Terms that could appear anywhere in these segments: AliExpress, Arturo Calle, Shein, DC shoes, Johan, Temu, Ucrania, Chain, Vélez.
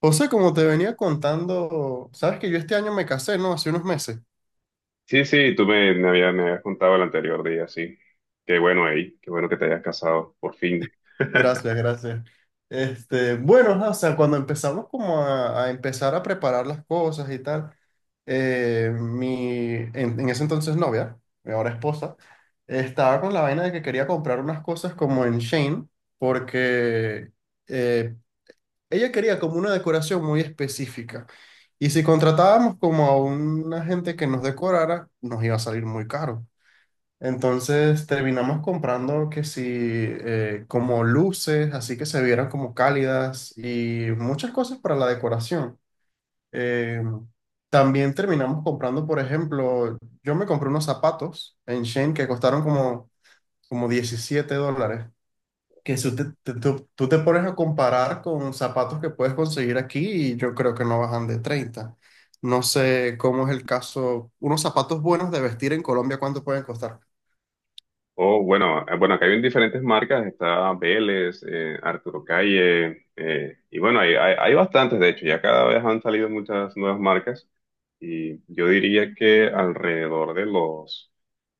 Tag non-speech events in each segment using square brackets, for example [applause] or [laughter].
José, como te venía contando, sabes que yo este año me casé, ¿no? Hace unos meses. Sí, sí, tú me habías contado el anterior día, sí. Qué bueno, ahí, qué bueno que te hayas casado, por fin. [laughs] Gracias, gracias. Este, bueno, ajá, o sea, cuando empezamos como a empezar a preparar las cosas y tal, en ese entonces novia, mi ahora esposa, estaba con la vaina de que quería comprar unas cosas como en Shane, porque eh, ella quería como una decoración muy específica. Y si contratábamos como a una gente que nos decorara, nos iba a salir muy caro. Entonces terminamos comprando que sí, como luces, así que se vieran como cálidas y muchas cosas para la decoración. Eh, también terminamos comprando, por ejemplo, yo me compré unos zapatos en Shein que costaron como $17. Que si tú tú te pones a comparar con zapatos que puedes conseguir aquí y yo creo que no bajan de 30. No sé cómo es el caso. Unos zapatos buenos de vestir en Colombia, ¿cuánto pueden costar? Oh, bueno, bueno, acá hay diferentes marcas, está Vélez, Arturo Calle, y bueno, hay bastantes, de hecho, ya cada vez han salido muchas nuevas marcas, y yo diría que alrededor de los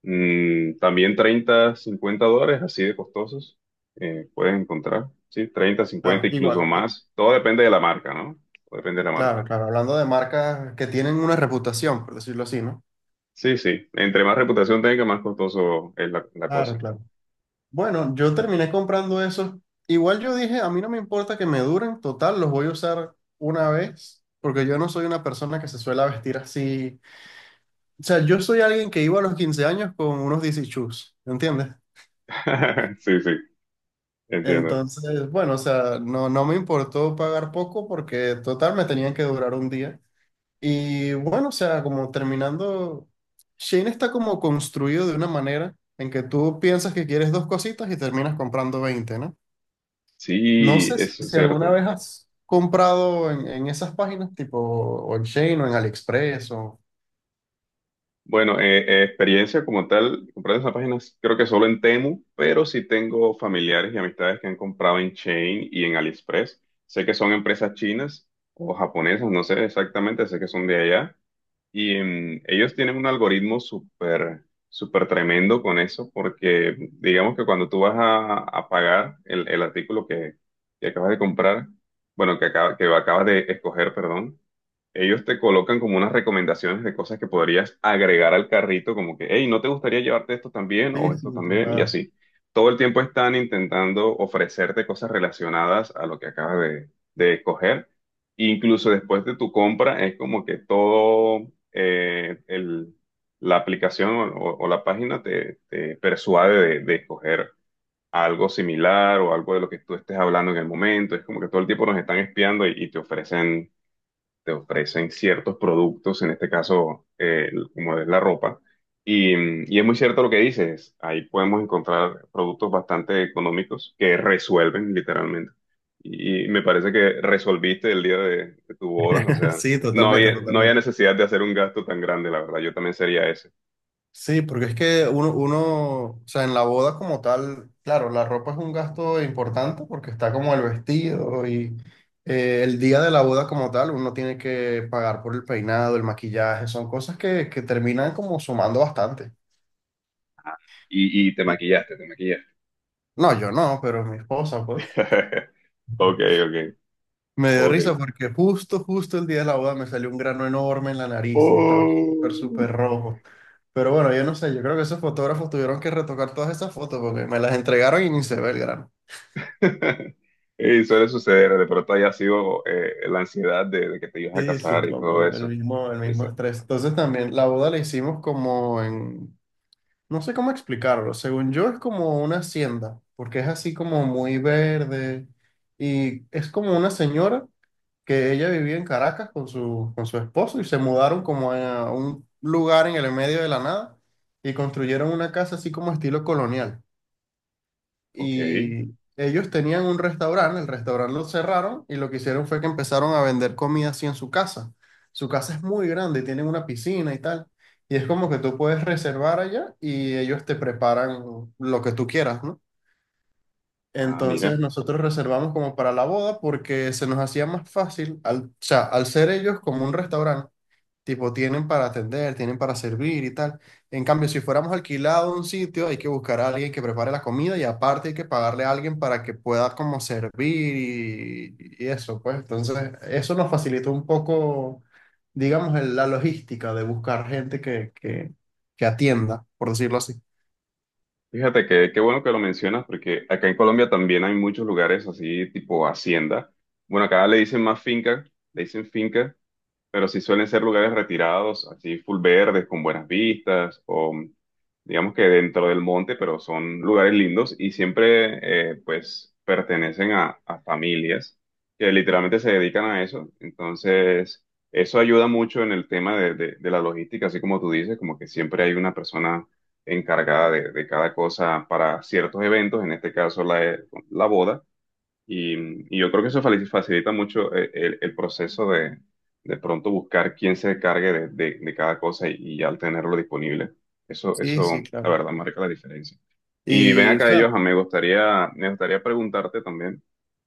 también $30, $50, así de costosos, puedes encontrar, sí, treinta, Claro, cincuenta, incluso igual. más, todo depende de la marca, ¿no? Todo depende de la marca. Claro, claro, hablando de marcas que tienen una reputación, por decirlo así, ¿no? Sí, sí. Entre más reputación tenga, más costoso es la Claro, cosa. claro. Bueno, yo terminé comprando esos. Igual yo dije, a mí no me importa que me duren, total, los voy a usar una vez, porque yo no soy una persona que se suele vestir así. O sea, yo soy alguien que iba a los 15 años con unos DC shoes, ¿me entiendes? [laughs] Sí, sí, entiendo. Entonces, bueno, o sea, no, no me importó pagar poco porque total me tenían que durar un día. Y bueno, o sea, como terminando, Shane está como construido de una manera en que tú piensas que quieres dos cositas y terminas comprando 20, ¿no? No Sí, sé si eso es si alguna cierto. vez has comprado en esas páginas, tipo o en Shane o en AliExpress o... Bueno, experiencia como tal, comprar esas páginas creo que solo en Temu, pero sí tengo familiares y amistades que han comprado en Chain y en AliExpress. Sé que son empresas chinas o japonesas, no sé exactamente, sé que son de allá. Y ellos tienen un algoritmo súper, súper tremendo con eso, porque digamos que cuando tú vas a pagar el artículo que acabas de comprar, bueno, que acabas de escoger, perdón, ellos te colocan como unas recomendaciones de cosas que podrías agregar al carrito, como que, hey, ¿no te gustaría llevarte esto también o Sí, esto sí, también? Y total. así. Todo el tiempo están intentando ofrecerte cosas relacionadas a lo que acabas de escoger. Incluso después de tu compra, es como que todo eh, el- la aplicación o la página te persuade de escoger algo similar o algo de lo que tú estés hablando en el momento. Es como que todo el tiempo nos están espiando y te ofrecen ciertos productos, en este caso, como es la ropa. Y, y es muy cierto lo que dices, ahí podemos encontrar productos bastante económicos que resuelven literalmente. Y me parece que resolviste el día de tu boda, o [laughs] sea, Sí, no totalmente, había, no había totalmente. necesidad de hacer un gasto tan grande, la verdad, yo también sería ese. Sí, porque es que uno, o sea, en la boda como tal, claro, la ropa es un gasto importante porque está como el vestido y el día de la boda como tal, uno tiene que pagar por el peinado, el maquillaje, son cosas que terminan como sumando bastante. Y te maquillaste, te maquillaste. No, yo no, pero mi esposa, pues. [laughs] [laughs] Ok, ok, Me dio ok. risa porque justo, justo el día de la boda me salió un grano enorme en la nariz y estaba súper, Oh. súper rojo. Pero bueno, yo no sé, yo creo que esos fotógrafos tuvieron que retocar todas esas fotos porque me las entregaron y ni se ve el grano. [laughs] Y suele suceder, de pronto haya sido la ansiedad de que te ibas a Sí, casar y supongo, todo el eso. mismo, el mismo Esa- estrés. Entonces también la boda la hicimos como en, no sé cómo explicarlo, según yo es como una hacienda, porque es así como muy verde y es como una señora que ella vivía en Caracas con su esposo y se mudaron como a un lugar en el medio de la nada y construyeron una casa así como estilo colonial Ok. y ellos tenían un restaurante, el restaurante lo cerraron y lo que hicieron fue que empezaron a vender comida así en su casa. Su casa es muy grande, tienen una piscina y tal. Y es como que tú puedes reservar allá y ellos te preparan lo que tú quieras, ¿no? Ah, Entonces mira. nosotros reservamos como para la boda porque se nos hacía más fácil, o sea, al ser ellos como un restaurante. Tipo, tienen para atender, tienen para servir y tal. En cambio, si fuéramos alquilados a un sitio, hay que buscar a alguien que prepare la comida y aparte hay que pagarle a alguien para que pueda como servir y eso, pues. Entonces, eso nos facilitó un poco, digamos, la logística de buscar gente que atienda, por decirlo así. Fíjate que qué bueno que lo mencionas porque acá en Colombia también hay muchos lugares así tipo hacienda. Bueno, acá le dicen más finca, le dicen finca pero sí suelen ser lugares retirados, así full verdes, con buenas vistas, o digamos que dentro del monte, pero son lugares lindos y siempre pues pertenecen a familias que literalmente se dedican a eso. Entonces, eso ayuda mucho en el tema de la logística, así como tú dices, como que siempre hay una persona encargada de cada cosa para ciertos eventos, en este caso la la boda. Y, y yo creo que eso facilita mucho el proceso de pronto buscar quién se encargue de cada cosa y al tenerlo disponible. Eso, Sí, eso, sí, la claro. verdad, marca la diferencia. Y ven Y, o acá, sea, ellos, me gustaría preguntarte también,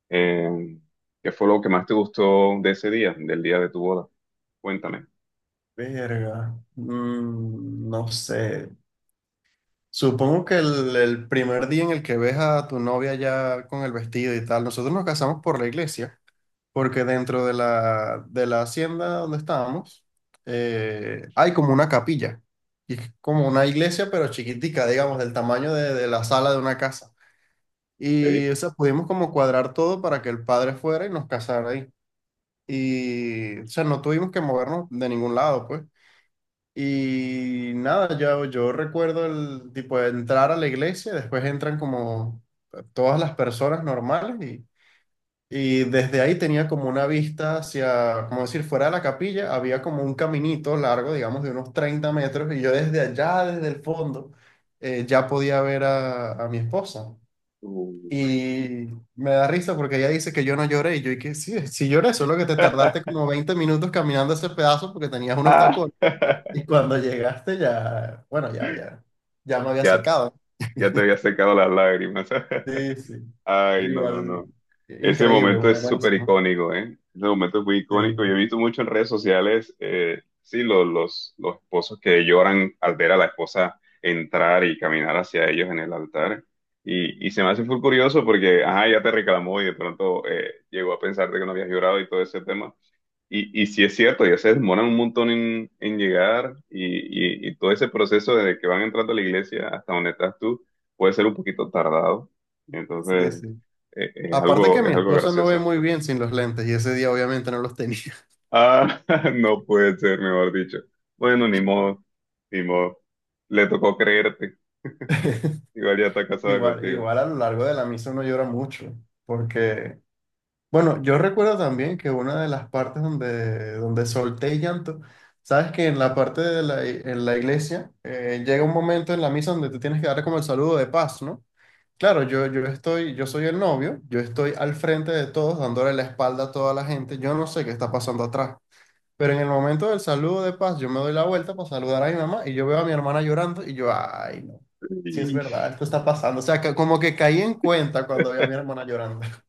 eh, ¿qué fue lo que más te gustó de ese día, del día de tu boda? Cuéntame. verga, no sé. Supongo que el primer día en el que ves a tu novia ya con el vestido y tal, nosotros nos casamos por la iglesia, porque dentro de la hacienda donde estábamos hay como una capilla, y es como una iglesia pero chiquitica, digamos, del tamaño de la sala de una casa. Y ¿Ok? o sea, pudimos como cuadrar todo para que el padre fuera y nos casara ahí. Y o sea, no tuvimos que movernos de ningún lado, pues. Y nada, yo recuerdo el tipo de entrar a la iglesia, después entran como todas las personas normales y desde ahí tenía como una vista hacia, como decir, fuera de la capilla, había como un caminito largo, digamos, de unos 30 metros y yo desde allá, desde el fondo, ya podía ver a mi esposa. Uh. Y me da risa porque ella dice que yo no lloré y yo y que sí, sí lloré, solo que te tardaste [laughs] como 20 minutos caminando ese pedazo porque tenías unos Ah. tacones. Y cuando llegaste ya, bueno, ya, ya, ya me había Ya, secado. ya te había secado las lágrimas. Sí, sí. [laughs] Ay, no, no, Igual, no. Ese increíble, momento muy es súper buenísimo. icónico, ¿eh? Ese momento es muy Sí, icónico. Yo he visto mucho en redes sociales, sí, los esposos que lloran al ver a la esposa entrar y caminar hacia ellos en el altar. Y se me hace muy curioso porque, ajá, ya te reclamó y de pronto llegó a pensarte que no habías llorado y todo ese tema. Y sí es cierto, ya se demoran un montón en llegar y, y todo ese proceso desde que van entrando a la iglesia hasta donde estás tú puede ser un poquito tardado. sí, Entonces, sí. Aparte que es mi algo esposa no ve gracioso. muy bien sin los lentes y ese día obviamente no los tenía. Ah, [laughs] no puede ser, mejor dicho. Bueno, ni modo, ni modo. Le tocó creerte. Igual ya [laughs] está casada Igual, contigo. igual a lo largo de la misa uno llora mucho, porque, bueno, yo recuerdo también que una de las partes donde, donde solté llanto, sabes que en la parte en la iglesia llega un momento en la misa donde tú tienes que dar como el saludo de paz, ¿no? Claro, yo soy el novio, yo estoy al frente de todos, dándole la espalda a toda la gente, yo no sé qué está pasando atrás, pero en el momento del saludo de paz, yo me doy la vuelta para saludar a mi mamá y yo veo a mi hermana llorando y yo, ay, no, sí es Sí. verdad, esto está pasando, o sea, que como que caí en cuenta cuando vi a mi hermana llorando. [laughs]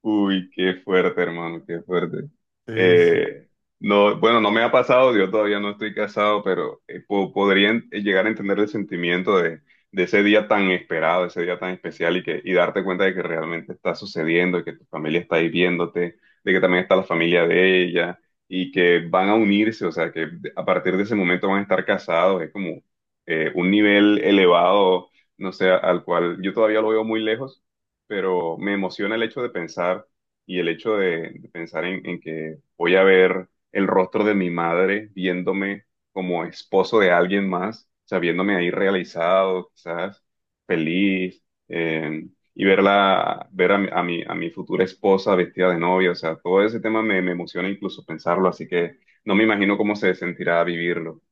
Uy, qué fuerte, hermano, qué fuerte. Sí, sí, Eh, no, bueno, no me ha pasado, yo todavía no estoy casado, pero podría llegar a entender el sentimiento de ese día tan esperado, ese día tan especial y que y darte cuenta de que realmente está sucediendo, y que tu familia está ahí viéndote, de que también está la familia de ella y que van a unirse, o sea, que a partir de ese momento van a estar casados, es como un nivel elevado, no sé, al cual yo todavía lo veo muy lejos pero me emociona el hecho de pensar y el hecho de pensar en que voy a ver el rostro de mi madre viéndome como esposo de alguien más, o sea, viéndome ahí realizado, quizás feliz, y verla, ver a mi a mi futura esposa vestida de novia, o sea, todo ese tema me emociona incluso pensarlo, así que no me imagino cómo se sentirá vivirlo,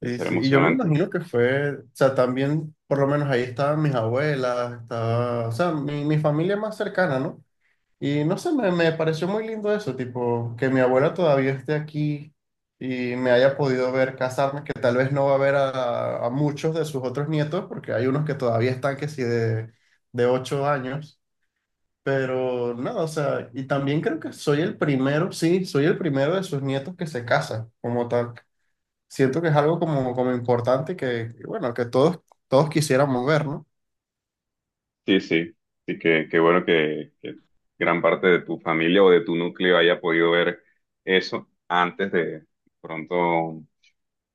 debe sí, ser sí. Y yo me emocionante. imagino que fue, o sea, también, por lo menos ahí estaban mis abuelas, estaba, o sea, mi familia más cercana, ¿no? Y no sé, me pareció muy lindo eso, tipo, que mi abuela todavía esté aquí y me haya podido ver casarme, que tal vez no va a ver a muchos de sus otros nietos, porque hay unos que todavía están que sí de 8 años, pero nada, o sea, y también creo que soy el primero, sí, soy el primero de sus nietos que se casa, como tal. Siento que es algo como importante bueno, que todos, todos quisiéramos ver, ¿no? Sí, sí, sí, que, qué bueno que gran parte de tu familia o de tu núcleo haya podido ver eso antes de pronto,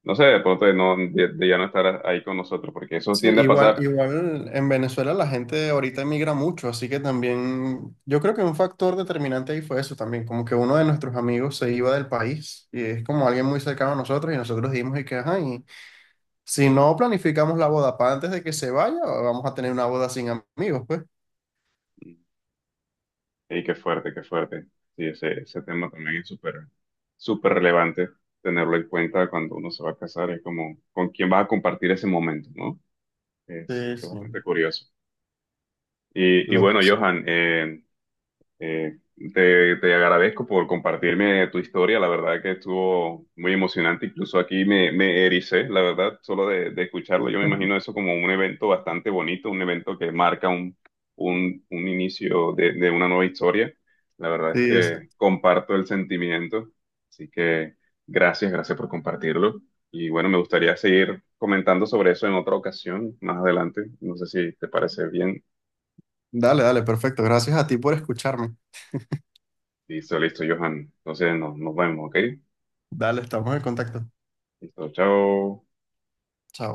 no sé, de pronto de, no, de ya no estar ahí con nosotros, porque eso Sí, tiende a igual, pasar. igual en Venezuela la gente ahorita emigra mucho, así que también yo creo que un factor determinante ahí fue eso también, como que uno de nuestros amigos se iba del país y es como alguien muy cercano a nosotros y nosotros dijimos y que, ajá, y si no planificamos la boda para antes de que se vaya, vamos a tener una boda sin amigos, pues. Y qué fuerte, qué fuerte. Sí, ese tema también es súper, súper relevante tenerlo en cuenta cuando uno se va a casar, es como con quién vas a compartir ese momento, ¿no? Sí, Es sí. bastante curioso. Y Lo que bueno, sí. Johan, Eh, te, te agradezco por compartirme tu historia, la verdad que estuvo muy emocionante, incluso aquí me, me ericé, la verdad, solo de escucharlo. Yo me imagino eso como un evento bastante bonito, un evento que marca un inicio de una nueva historia. La verdad es Sí, que exacto. comparto el sentimiento, así que gracias, gracias por compartirlo. Y bueno, me gustaría seguir comentando sobre eso en otra ocasión, más adelante. No sé si te parece bien. Dale, dale, perfecto. Gracias a ti por escucharme. Listo, listo, Johan. Entonces nos, nos vemos, ¿ok? Dale, estamos en contacto. Listo, chao. Chao.